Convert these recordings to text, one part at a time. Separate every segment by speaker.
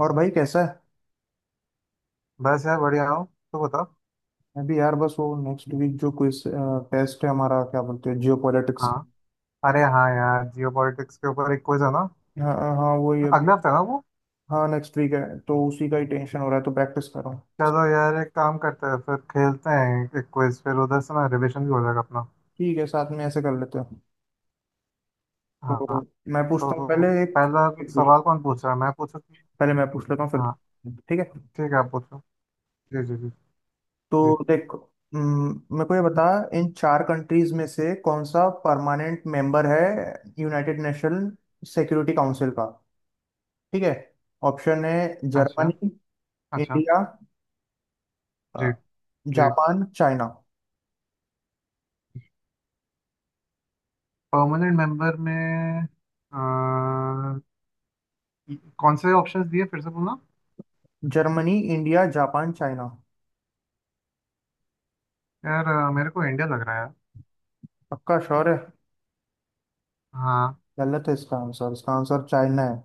Speaker 1: और भाई कैसा है।
Speaker 2: बस यार बढ़िया हूँ। तो बताओ।
Speaker 1: अभी यार बस वो नेक्स्ट वीक जो क्विज टेस्ट है हमारा, क्या बोलते हैं, जियो
Speaker 2: हाँ,
Speaker 1: पॉलिटिक्स।
Speaker 2: अरे हाँ यार, जियो पॉलिटिक्स के ऊपर एक क्विज है ना?
Speaker 1: हाँ हाँ वही अभी।
Speaker 2: अगले हफ्ते है ना वो?
Speaker 1: हाँ नेक्स्ट वीक है। तो उसी का ही टेंशन हो रहा है तो प्रैक्टिस कर रहा हूँ।
Speaker 2: चलो यार, एक काम करते हैं, फिर खेलते हैं एक क्विज, फिर उधर से ना रिविजन भी हो जाएगा अपना।
Speaker 1: ठीक है, साथ में ऐसे कर लेते हैं। तो
Speaker 2: हाँ,
Speaker 1: मैं पूछता हूँ
Speaker 2: तो
Speaker 1: पहले एक,
Speaker 2: पहला
Speaker 1: एक पूछ।
Speaker 2: सवाल कौन पूछ रहा है, मैं पूछूँ कि?
Speaker 1: पहले मैं पूछ लेता हूँ फिर।
Speaker 2: हाँ,
Speaker 1: ठीक है।
Speaker 2: ठीक है आप पूछो। जी जी जी जी।
Speaker 1: तो देख, मेरे को ये बता, इन चार कंट्रीज में से कौन सा परमानेंट मेंबर है यूनाइटेड नेशन सिक्योरिटी काउंसिल का। ठीक है। ऑप्शन है
Speaker 2: अच्छा,
Speaker 1: जर्मनी,
Speaker 2: अच्छा।
Speaker 1: इंडिया, अ,
Speaker 2: जी जी।
Speaker 1: Japan, China.
Speaker 2: परमानेंट मेंबर में। अ, कौन से ऑप्शंस दिए फिर से बोलना।
Speaker 1: Germany, India, Japan, China.
Speaker 2: यार मेरे को इंडिया लग रहा है यार।
Speaker 1: पक्का श्योर है?
Speaker 2: हाँ।
Speaker 1: गलत है इसका आंसर। इसका आंसर चाइना है।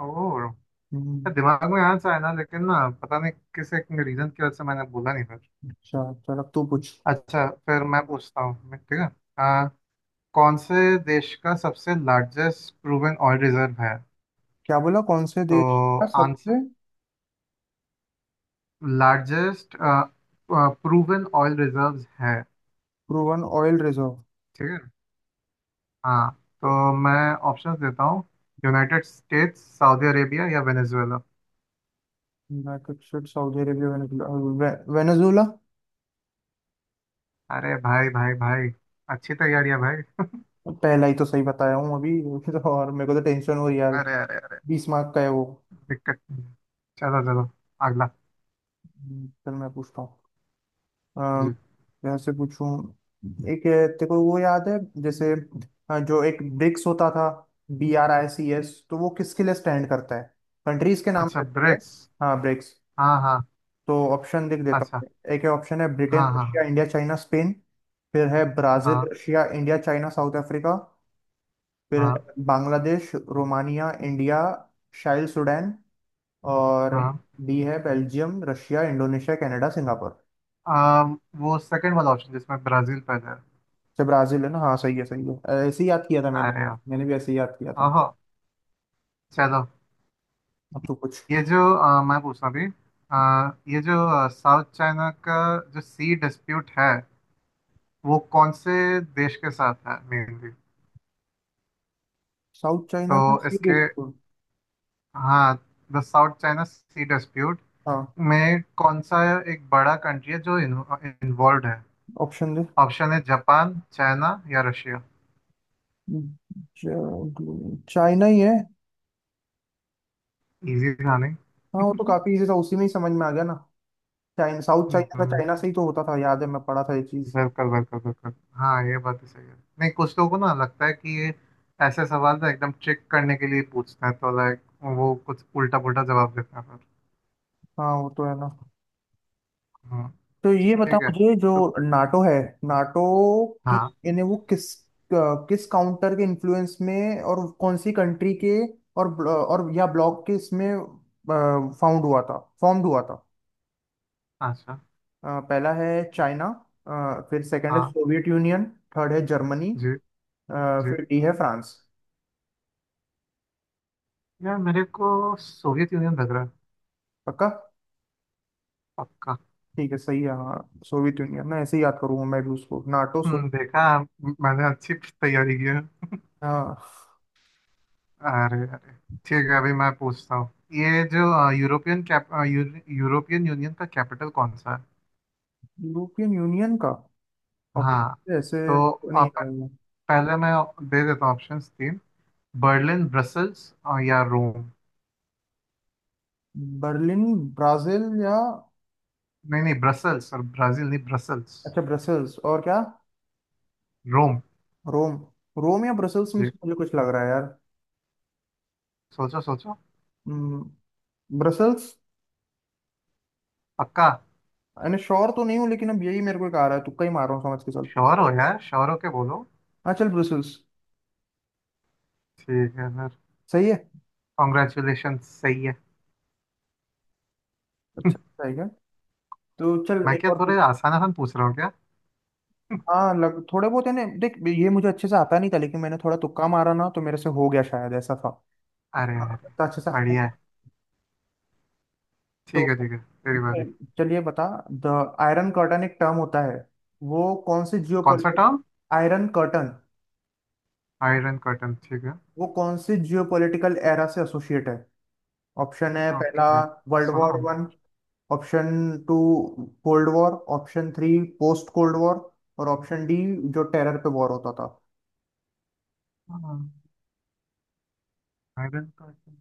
Speaker 2: ओ।
Speaker 1: हम्म,
Speaker 2: दिमाग में आंसर है ना, लेकिन ना पता नहीं किस एक रीजन की वजह से मैंने बोला नहीं फिर।
Speaker 1: अच्छा चल अब तू पूछ।
Speaker 2: अच्छा, फिर मैं पूछता हूँ मैं, ठीक है। आ, कौन से देश का सबसे लार्जेस्ट प्रूवन ऑयल रिजर्व है?
Speaker 1: क्या बोला, कौन से देश का
Speaker 2: तो आंसर,
Speaker 1: सबसे
Speaker 2: लार्जेस्ट प्रूवन ऑयल रिजर्व्स है।
Speaker 1: Proven oil reserve?
Speaker 2: ठीक है। हाँ, तो मैं ऑप्शंस देता हूँ। यूनाइटेड स्टेट्स, सऊदी अरेबिया या Venezuela.
Speaker 1: United State, Saudi Arabia, Venezuela. Venezuela?
Speaker 2: अरे भाई भाई भाई, अच्छी तैयारी है भाई।
Speaker 1: पहला ही तो सही बताया हूँ अभी तो और मेरे को तो टेंशन हो रही है यार।
Speaker 2: अरे अरे अरे,
Speaker 1: 20 मार्क का है वो।
Speaker 2: दिक्कत नहीं है। चलो चलो, अगला।
Speaker 1: चल मैं पूछता हूँ। अम,
Speaker 2: जी।
Speaker 1: वैसे पूछूं एक, तेरे को वो याद है, जैसे जो एक ब्रिक्स होता था, BRICS, तो वो किसके लिए स्टैंड करता है? कंट्रीज के नाम
Speaker 2: अच्छा,
Speaker 1: रहते हैं।
Speaker 2: ब्रिक्स।
Speaker 1: हाँ ब्रिक्स।
Speaker 2: हाँ हाँ।
Speaker 1: तो ऑप्शन लिख देता
Speaker 2: अच्छा।
Speaker 1: हूँ। एक है ऑप्शन है ब्रिटेन,
Speaker 2: हाँ
Speaker 1: रशिया,
Speaker 2: हाँ।
Speaker 1: India, China, Spain. फिर है ब्राजील,
Speaker 2: हाँ।
Speaker 1: Russia, India, China, South Africa. फिर
Speaker 2: हाँ
Speaker 1: है Bangladesh, Romania, India, Chile, Sudan. और
Speaker 2: हाँ।
Speaker 1: बी है Belgium, Russia, Indonesia, Canada, Singapore.
Speaker 2: वो सेकंड वाला ऑप्शन जिसमें ब्राजील पहले है।
Speaker 1: अच्छा ब्राजील है ना, हाँ सही है सही है। ऐसे ही याद किया था मैंने।
Speaker 2: अरे यार।
Speaker 1: मैंने भी ऐसे ही याद किया था।
Speaker 2: ओहो। चलो।
Speaker 1: अब तो कुछ
Speaker 2: ये जो आ, मैं पूछना भी आ, ये जो साउथ चाइना का जो सी डिस्प्यूट है, वो कौन से देश के साथ है मेनली?
Speaker 1: साउथ चाइना में
Speaker 2: तो इसके,
Speaker 1: सीरीज।
Speaker 2: हाँ, the South China sea dispute
Speaker 1: हाँ
Speaker 2: में कौन सा एक बड़ा कंट्री है जो इन्वॉल्व है?
Speaker 1: ऑप्शन दे।
Speaker 2: ऑप्शन है जापान, चाइना या रशिया।
Speaker 1: चाइना ही है।
Speaker 2: इजी था नहीं।
Speaker 1: हाँ वो तो काफी इजी था, उसी में ही समझ में आ गया ना। चाइना, साउथ चाइना का
Speaker 2: हम्म,
Speaker 1: चाइना से ही तो होता था, याद है मैं पढ़ा था ये चीज।
Speaker 2: बिल्कुल बिल्कुल बिल्कुल। हाँ, ये बात तो सही है। नहीं, कुछ लोगों को ना लगता है कि ये ऐसे सवाल ना एकदम चेक करने के लिए पूछते हैं, तो लाइक वो कुछ उल्टा पुल्टा जवाब देते हैं फिर।
Speaker 1: हाँ वो तो है ना।
Speaker 2: हम्म,
Speaker 1: तो ये बताओ
Speaker 2: ठीक है
Speaker 1: मुझे, जो
Speaker 2: तो।
Speaker 1: नाटो है, नाटो की,
Speaker 2: हाँ।
Speaker 1: इन्हें वो किस किस काउंटर के इन्फ्लुएंस में और कौन सी कंट्री के और और या ब्लॉक के इसमें फाउंड हुआ था, फॉर्म्ड हुआ था।
Speaker 2: अच्छा।
Speaker 1: पहला है चाइना। फिर सेकंड है
Speaker 2: हाँ।
Speaker 1: Soviet Union. थर्ड है जर्मनी।
Speaker 2: जी।
Speaker 1: अ,
Speaker 2: जी।
Speaker 1: फिर डी है फ्रांस।
Speaker 2: यार मेरे को सोवियत यूनियन लग रहा है।
Speaker 1: पक्का?
Speaker 2: पक्का।
Speaker 1: ठीक है सही है हाँ। सोवियत यूनियन, मैं ऐसे ही याद करूंगा, मैं भी उसको नाटो सो।
Speaker 2: हम्म, देखा, मैंने अच्छी तैयारी की है।
Speaker 1: हाँ
Speaker 2: अरे अरे। ठीक है, अभी मैं पूछता हूँ, ये जो यूरोपियन यूनियन का कैपिटल कौन सा है?
Speaker 1: यूरोपियन यूनियन का और
Speaker 2: हाँ,
Speaker 1: ऐसे
Speaker 2: तो
Speaker 1: तो नहीं।
Speaker 2: पहले मैं दे देता हूँ ऑप्शंस तीन। बर्लिन, ब्रसल्स और या रोम।
Speaker 1: बर्लिन, ब्राजील या?
Speaker 2: नहीं नहीं, ब्रसल्स और ब्राजील नहीं, ब्रसल्स।
Speaker 1: अच्छा ब्रसेल्स, और क्या?
Speaker 2: रोम।
Speaker 1: रोम। रोम या ब्रसेल्स में
Speaker 2: जी।
Speaker 1: से मुझे कुछ लग रहा है यार।
Speaker 2: सोचो सोचो।
Speaker 1: हम्म, ब्रसेल्स।
Speaker 2: पक्का
Speaker 1: यानी श्योर तो नहीं हूँ लेकिन अब यही मेरे को एक आ रहा है, तुक्का ही मार रहा हूँ, समझ के चल।
Speaker 2: श्योर हो यार, श्योर होके बोलो।
Speaker 1: हाँ चल ब्रसेल्स।
Speaker 2: ठीक है सर।
Speaker 1: सही है।
Speaker 2: कॉन्ग्रेचुलेशन, सही है।
Speaker 1: अच्छा सही है। तो चल
Speaker 2: मैं
Speaker 1: एक
Speaker 2: क्या
Speaker 1: और
Speaker 2: थोड़े
Speaker 1: पूछ।
Speaker 2: आसान आसान पूछ रहा हूँ क्या?
Speaker 1: हाँ लग थोड़े बहुत है ना, देख ये मुझे अच्छे से आता नहीं था लेकिन मैंने थोड़ा तुक्का मारा ना तो मेरे से हो गया, शायद ऐसा था।
Speaker 2: अरे
Speaker 1: हाँ,
Speaker 2: अरे,
Speaker 1: तो अच्छे से।
Speaker 2: बढ़िया है। ठीक है
Speaker 1: तो
Speaker 2: ठीक है, तेरी बारी।
Speaker 1: चलिए बता, द आयरन कर्टन एक टर्म होता है, वो कौन से
Speaker 2: कौन सा
Speaker 1: geopolitic.
Speaker 2: Term?
Speaker 1: Iron curtain,
Speaker 2: iron curtain, ठीक है।
Speaker 1: वो कौन से जियोपॉलिटिकल एरा से एसोसिएट है? ऑप्शन है पहला
Speaker 2: ओके।
Speaker 1: वर्ल्ड
Speaker 2: सुना
Speaker 1: वॉर वन।
Speaker 2: होगा।
Speaker 1: Option two cold war. Option three post cold war. और ऑप्शन डी जो टेरर पे वॉर होता था।
Speaker 2: आयरन कर्टन,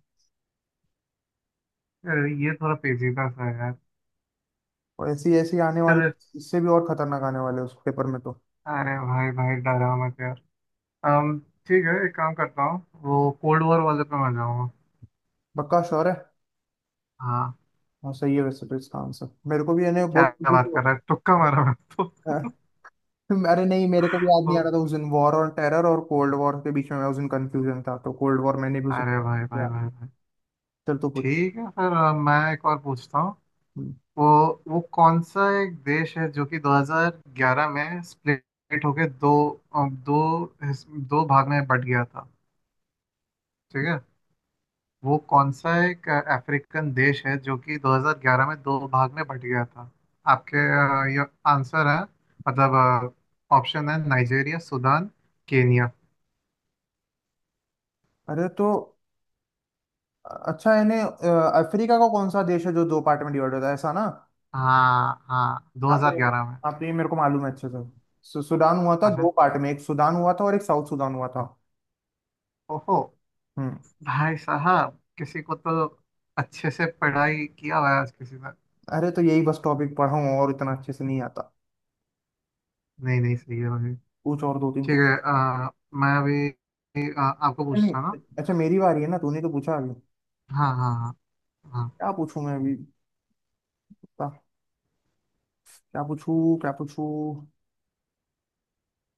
Speaker 2: अरे ये थोड़ा पेचीदा सा है यार।
Speaker 1: और ऐसी ऐसी आने वाले,
Speaker 2: चलो।
Speaker 1: इससे भी और खतरनाक आने वाले उस पेपर में तो।
Speaker 2: अरे भाई भाई, डरा मत यार। अम, ठीक है, एक काम करता हूँ, वो कोल्ड वॉर वाले पे मैं जाऊँगा।
Speaker 1: पक्का श्योर है?
Speaker 2: हाँ।
Speaker 1: हाँ सही है, वैसे तो इसका आंसर मेरे को भी, यानी
Speaker 2: क्या
Speaker 1: बहुत खुशी
Speaker 2: बात
Speaker 1: से
Speaker 2: कर रहा है, तुक्का मारा मैं तो।
Speaker 1: पता। अरे नहीं, मेरे को भी याद नहीं आ रहा था
Speaker 2: तो-
Speaker 1: उस दिन, वॉर और टेरर और कोल्ड वॉर के बीच में मैं उस दिन कंफ्यूजन था, तो कोल्ड वॉर मैंने भी उस दिन
Speaker 2: अरे भाई भाई
Speaker 1: किया।
Speaker 2: भाई भाई।
Speaker 1: चल तो पूछ।
Speaker 2: ठीक है, फिर मैं एक और पूछता हूँ।
Speaker 1: हम्म।
Speaker 2: वो वो कौन सा एक देश है जो कि 2011 में स्प्लिट होके दो अ, दो हिस- दो भाग में बट गया था? ठीक है। वो कौन सा एक अफ्रीकन देश है जो कि 2011 में दो भाग में बट गया था? आपके ये आंसर है मतलब। ऑप्शन है नाइजेरिया, सूडान, केनिया।
Speaker 1: अरे तो अच्छा यानी अफ्रीका का कौन सा देश है जो दो पार्ट में डिवाइड होता है, ऐसा ना?
Speaker 2: हाँ हाँ, 2011 में।
Speaker 1: यहाँ पे ये मेरे को मालूम है अच्छे से। सुडान हुआ था
Speaker 2: अच्छा।
Speaker 1: दो पार्ट में, एक सुडान हुआ था और एक साउथ सुडान हुआ था।
Speaker 2: ओहो।
Speaker 1: हम्म।
Speaker 2: भाई साहब, किसी को तो अच्छे से पढ़ाई किया हुआ है आज किसी ने।
Speaker 1: अरे तो यही बस टॉपिक पढ़ा हूँ, और इतना अच्छे से नहीं आता।
Speaker 2: नहीं नहीं, सही है भाई।
Speaker 1: पूछ और दो तीन
Speaker 2: ठीक
Speaker 1: को।
Speaker 2: है मैं अभी आपको
Speaker 1: नहीं
Speaker 2: पूछता हूँ
Speaker 1: नहीं,
Speaker 2: ना।
Speaker 1: अच्छा मेरी बारी है ना, तूने तो पूछा अभी।
Speaker 2: हाँ हाँ हाँ। हाँ।
Speaker 1: क्या पूछूं मैं अभी, क्या, क्या पूछूं क्या पूछूं।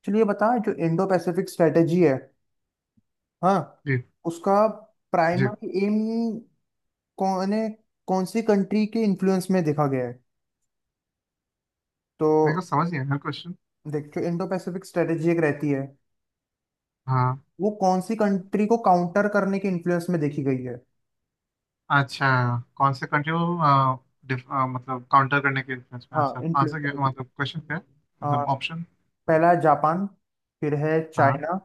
Speaker 1: चलिए बता, जो इंडो पैसिफिक स्ट्रेटेजी है, हाँ
Speaker 2: जी।
Speaker 1: उसका
Speaker 2: जी।
Speaker 1: प्राइमरी एम कौन है, कौन सी कंट्री के इन्फ्लुएंस में देखा गया है? तो
Speaker 2: मेरे को समझ नहीं आया क्वेश्चन।
Speaker 1: देख, जो इंडो पैसिफिक स्ट्रेटेजी एक रहती है,
Speaker 2: हाँ।
Speaker 1: वो कौन सी कंट्री को काउंटर करने के इन्फ्लुएंस में देखी गई है।
Speaker 2: अच्छा, कौन से कंट्री को मतलब काउंटर करने के डिफेंस में,
Speaker 1: हाँ
Speaker 2: अच्छा
Speaker 1: इन्फ्लुएंस
Speaker 2: आंसर
Speaker 1: में
Speaker 2: क्या,
Speaker 1: देखी।
Speaker 2: मतलब क्वेश्चन क्या है?
Speaker 1: हाँ
Speaker 2: मतलब ऑप्शन।
Speaker 1: पहला है जापान। फिर है
Speaker 2: हाँ।
Speaker 1: चाइना।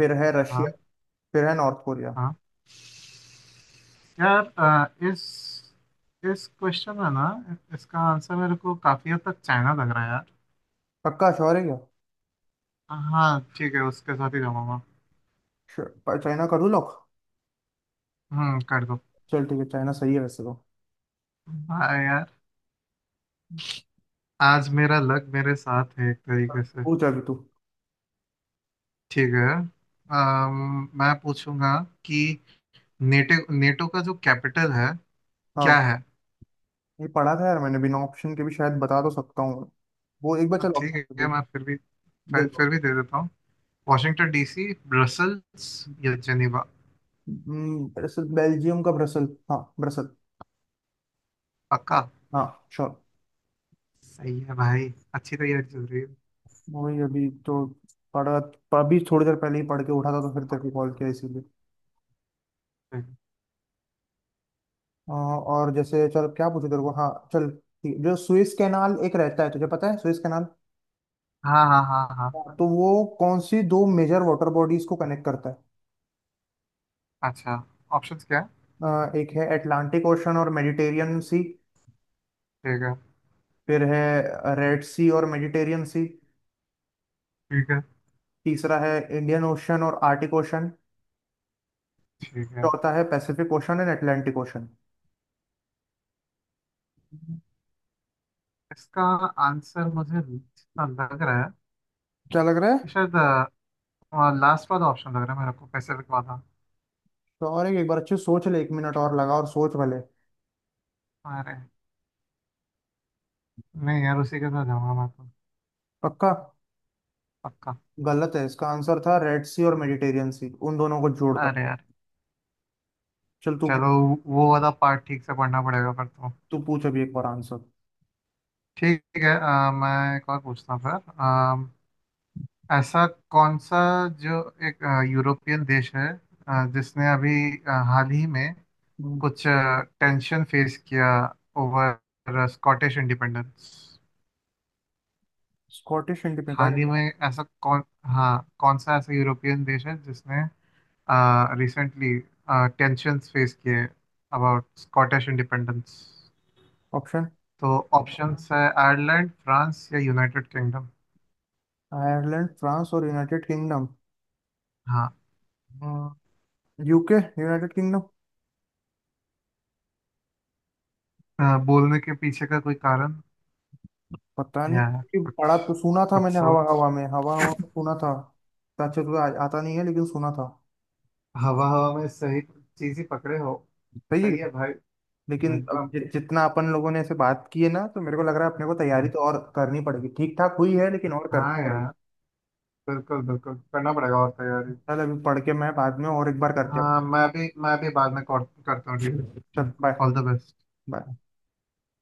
Speaker 1: फिर है रशिया।
Speaker 2: हाँ।
Speaker 1: फिर है नॉर्थ कोरिया।
Speaker 2: हाँ। यार इस क्वेश्चन में ना, इसका आंसर मेरे को काफी हद तक चाइना लग रहा है यार।
Speaker 1: पक्का श्योर है क्या?
Speaker 2: हाँ ठीक है, उसके साथ ही जाऊंगा।
Speaker 1: श्योर- चाइना का लॉक।
Speaker 2: हम्म, कर दो।
Speaker 1: चल ठीक है चाइना सही है वैसे तो।
Speaker 2: हाँ यार, आज मेरा लक मेरे साथ है एक
Speaker 1: हाँ,
Speaker 2: तरीके से।
Speaker 1: पूछ अभी तू।
Speaker 2: ठीक है। मैं पूछूंगा कि नेटो नेटो का जो कैपिटल है, क्या
Speaker 1: हाँ
Speaker 2: है?
Speaker 1: ये पढ़ा था यार मैंने, बिना ऑप्शन के भी शायद बता तो सकता हूँ। वो एक बार
Speaker 2: हाँ
Speaker 1: चलो
Speaker 2: ठीक
Speaker 1: option
Speaker 2: है,
Speaker 1: दो।
Speaker 2: मैं फिर भी, फिर
Speaker 1: देखो।
Speaker 2: फिर भी दे देता हूँ। वॉशिंगटन डीसी, ब्रसल्स या जेनेवा।
Speaker 1: ब्रसल, बेल्जियम का ब्रसल, हाँ ब्रसल।
Speaker 2: पक्का।
Speaker 1: हाँ श्योर।
Speaker 2: सही है भाई, अच्छी तैयारी चल रही है, ठीक
Speaker 1: वही अभी तो पढ़ा, अभी थोड़ी देर पहले ही पढ़ के उठा था तो फिर तेरे को कॉल किया इसीलिए।
Speaker 2: है।
Speaker 1: और जैसे चल क्या पूछो तेरे को, हाँ चल ठीक है। जो सुएज कैनाल एक रहता है, तुझे पता है सुएज कैनाल?
Speaker 2: हाँ हाँ हाँ हाँ।
Speaker 1: हाँ। तो वो कौन सी दो मेजर वाटर बॉडीज को कनेक्ट करता है?
Speaker 2: अच्छा, ऑप्शंस क्या है?
Speaker 1: एक है अटलांटिक ओशन और मेडिटेरियन सी।
Speaker 2: ठीक है।
Speaker 1: फिर है रेड सी और मेडिटेरियन सी।
Speaker 2: ठीक है।
Speaker 1: तीसरा है इंडियन ओशन और आर्टिक ओशन।
Speaker 2: ठीक है।
Speaker 1: चौथा है Pacific ocean and Atlantic ocean.
Speaker 2: इसका आंसर मुझे जितना लग रहा है
Speaker 1: क्या लग रहा है?
Speaker 2: कि शायद लास्ट वाला ऑप्शन लग रहा है मेरे को, पैसिफिक वाला।
Speaker 1: तो और एक बार अच्छे से सोच ले, एक मिनट और लगा और सोच भले।
Speaker 2: अरे नहीं यार, उसी के साथ जाऊंगा मैं तो।
Speaker 1: पक्का?
Speaker 2: पक्का।
Speaker 1: गलत है, इसका आंसर था रेड सी और मेडिटेरियन सी, उन दोनों को जोड़ता।
Speaker 2: अरे यार।
Speaker 1: चल तू,
Speaker 2: चलो, वो वाला पार्ट ठीक से पढ़ना पड़ेगा पर तो।
Speaker 1: तू पूछ अभी एक बार आंसर।
Speaker 2: ठीक है मैं एक और पूछता हूँ फिर। ऐसा कौन सा जो एक यूरोपियन देश है जिसने अभी हाल ही में कुछ टेंशन फेस किया ओवर स्कॉटिश इंडिपेंडेंस?
Speaker 1: स्कॉटिश
Speaker 2: हाल
Speaker 1: इंडिपेंडेंट,
Speaker 2: ही में ऐसा कौन, हाँ, कौन सा ऐसा यूरोपियन देश है जिसने रिसेंटली टेंशन्स फेस किए अबाउट स्कॉटिश इंडिपेंडेंस?
Speaker 1: ऑप्शन
Speaker 2: तो ऑप्शंस है आयरलैंड, फ्रांस या यूनाइटेड किंगडम।
Speaker 1: आयरलैंड, फ्रांस और यूनाइटेड किंगडम।
Speaker 2: हाँ।
Speaker 1: UK, United kingdom.
Speaker 2: बोलने के पीछे का कोई कारण
Speaker 1: पता नहीं,
Speaker 2: या
Speaker 1: कि
Speaker 2: कुछ,
Speaker 1: पढ़ा तो सुना था
Speaker 2: कुछ
Speaker 1: मैंने, हवा
Speaker 2: सोच।
Speaker 1: हवा में, हवा हवा को सुना था। अच्छा तुझे आता नहीं है लेकिन सुना था।
Speaker 2: हवा हवा में सही चीज ही पकड़े हो।
Speaker 1: सही है।
Speaker 2: सही है भाई।
Speaker 1: लेकिन
Speaker 2: एकदम,
Speaker 1: अब जितना अपन लोगों ने ऐसे बात की है ना तो मेरे को लग रहा है अपने को तैयारी
Speaker 2: हाँ,
Speaker 1: तो और करनी पड़ेगी, ठीक ठाक हुई है लेकिन और करनी
Speaker 2: हाँ
Speaker 1: पड़ेगी।
Speaker 2: यार, बिल्कुल बिल्कुल, करना पड़ेगा और तैयारी।
Speaker 1: चल अभी पढ़ के मैं बाद में और एक बार करते हैं।
Speaker 2: हाँ, मैं भी बाद में कॉल करता हूँ, ठीक
Speaker 1: चल
Speaker 2: है।
Speaker 1: Bye.
Speaker 2: All the best.
Speaker 1: Bye.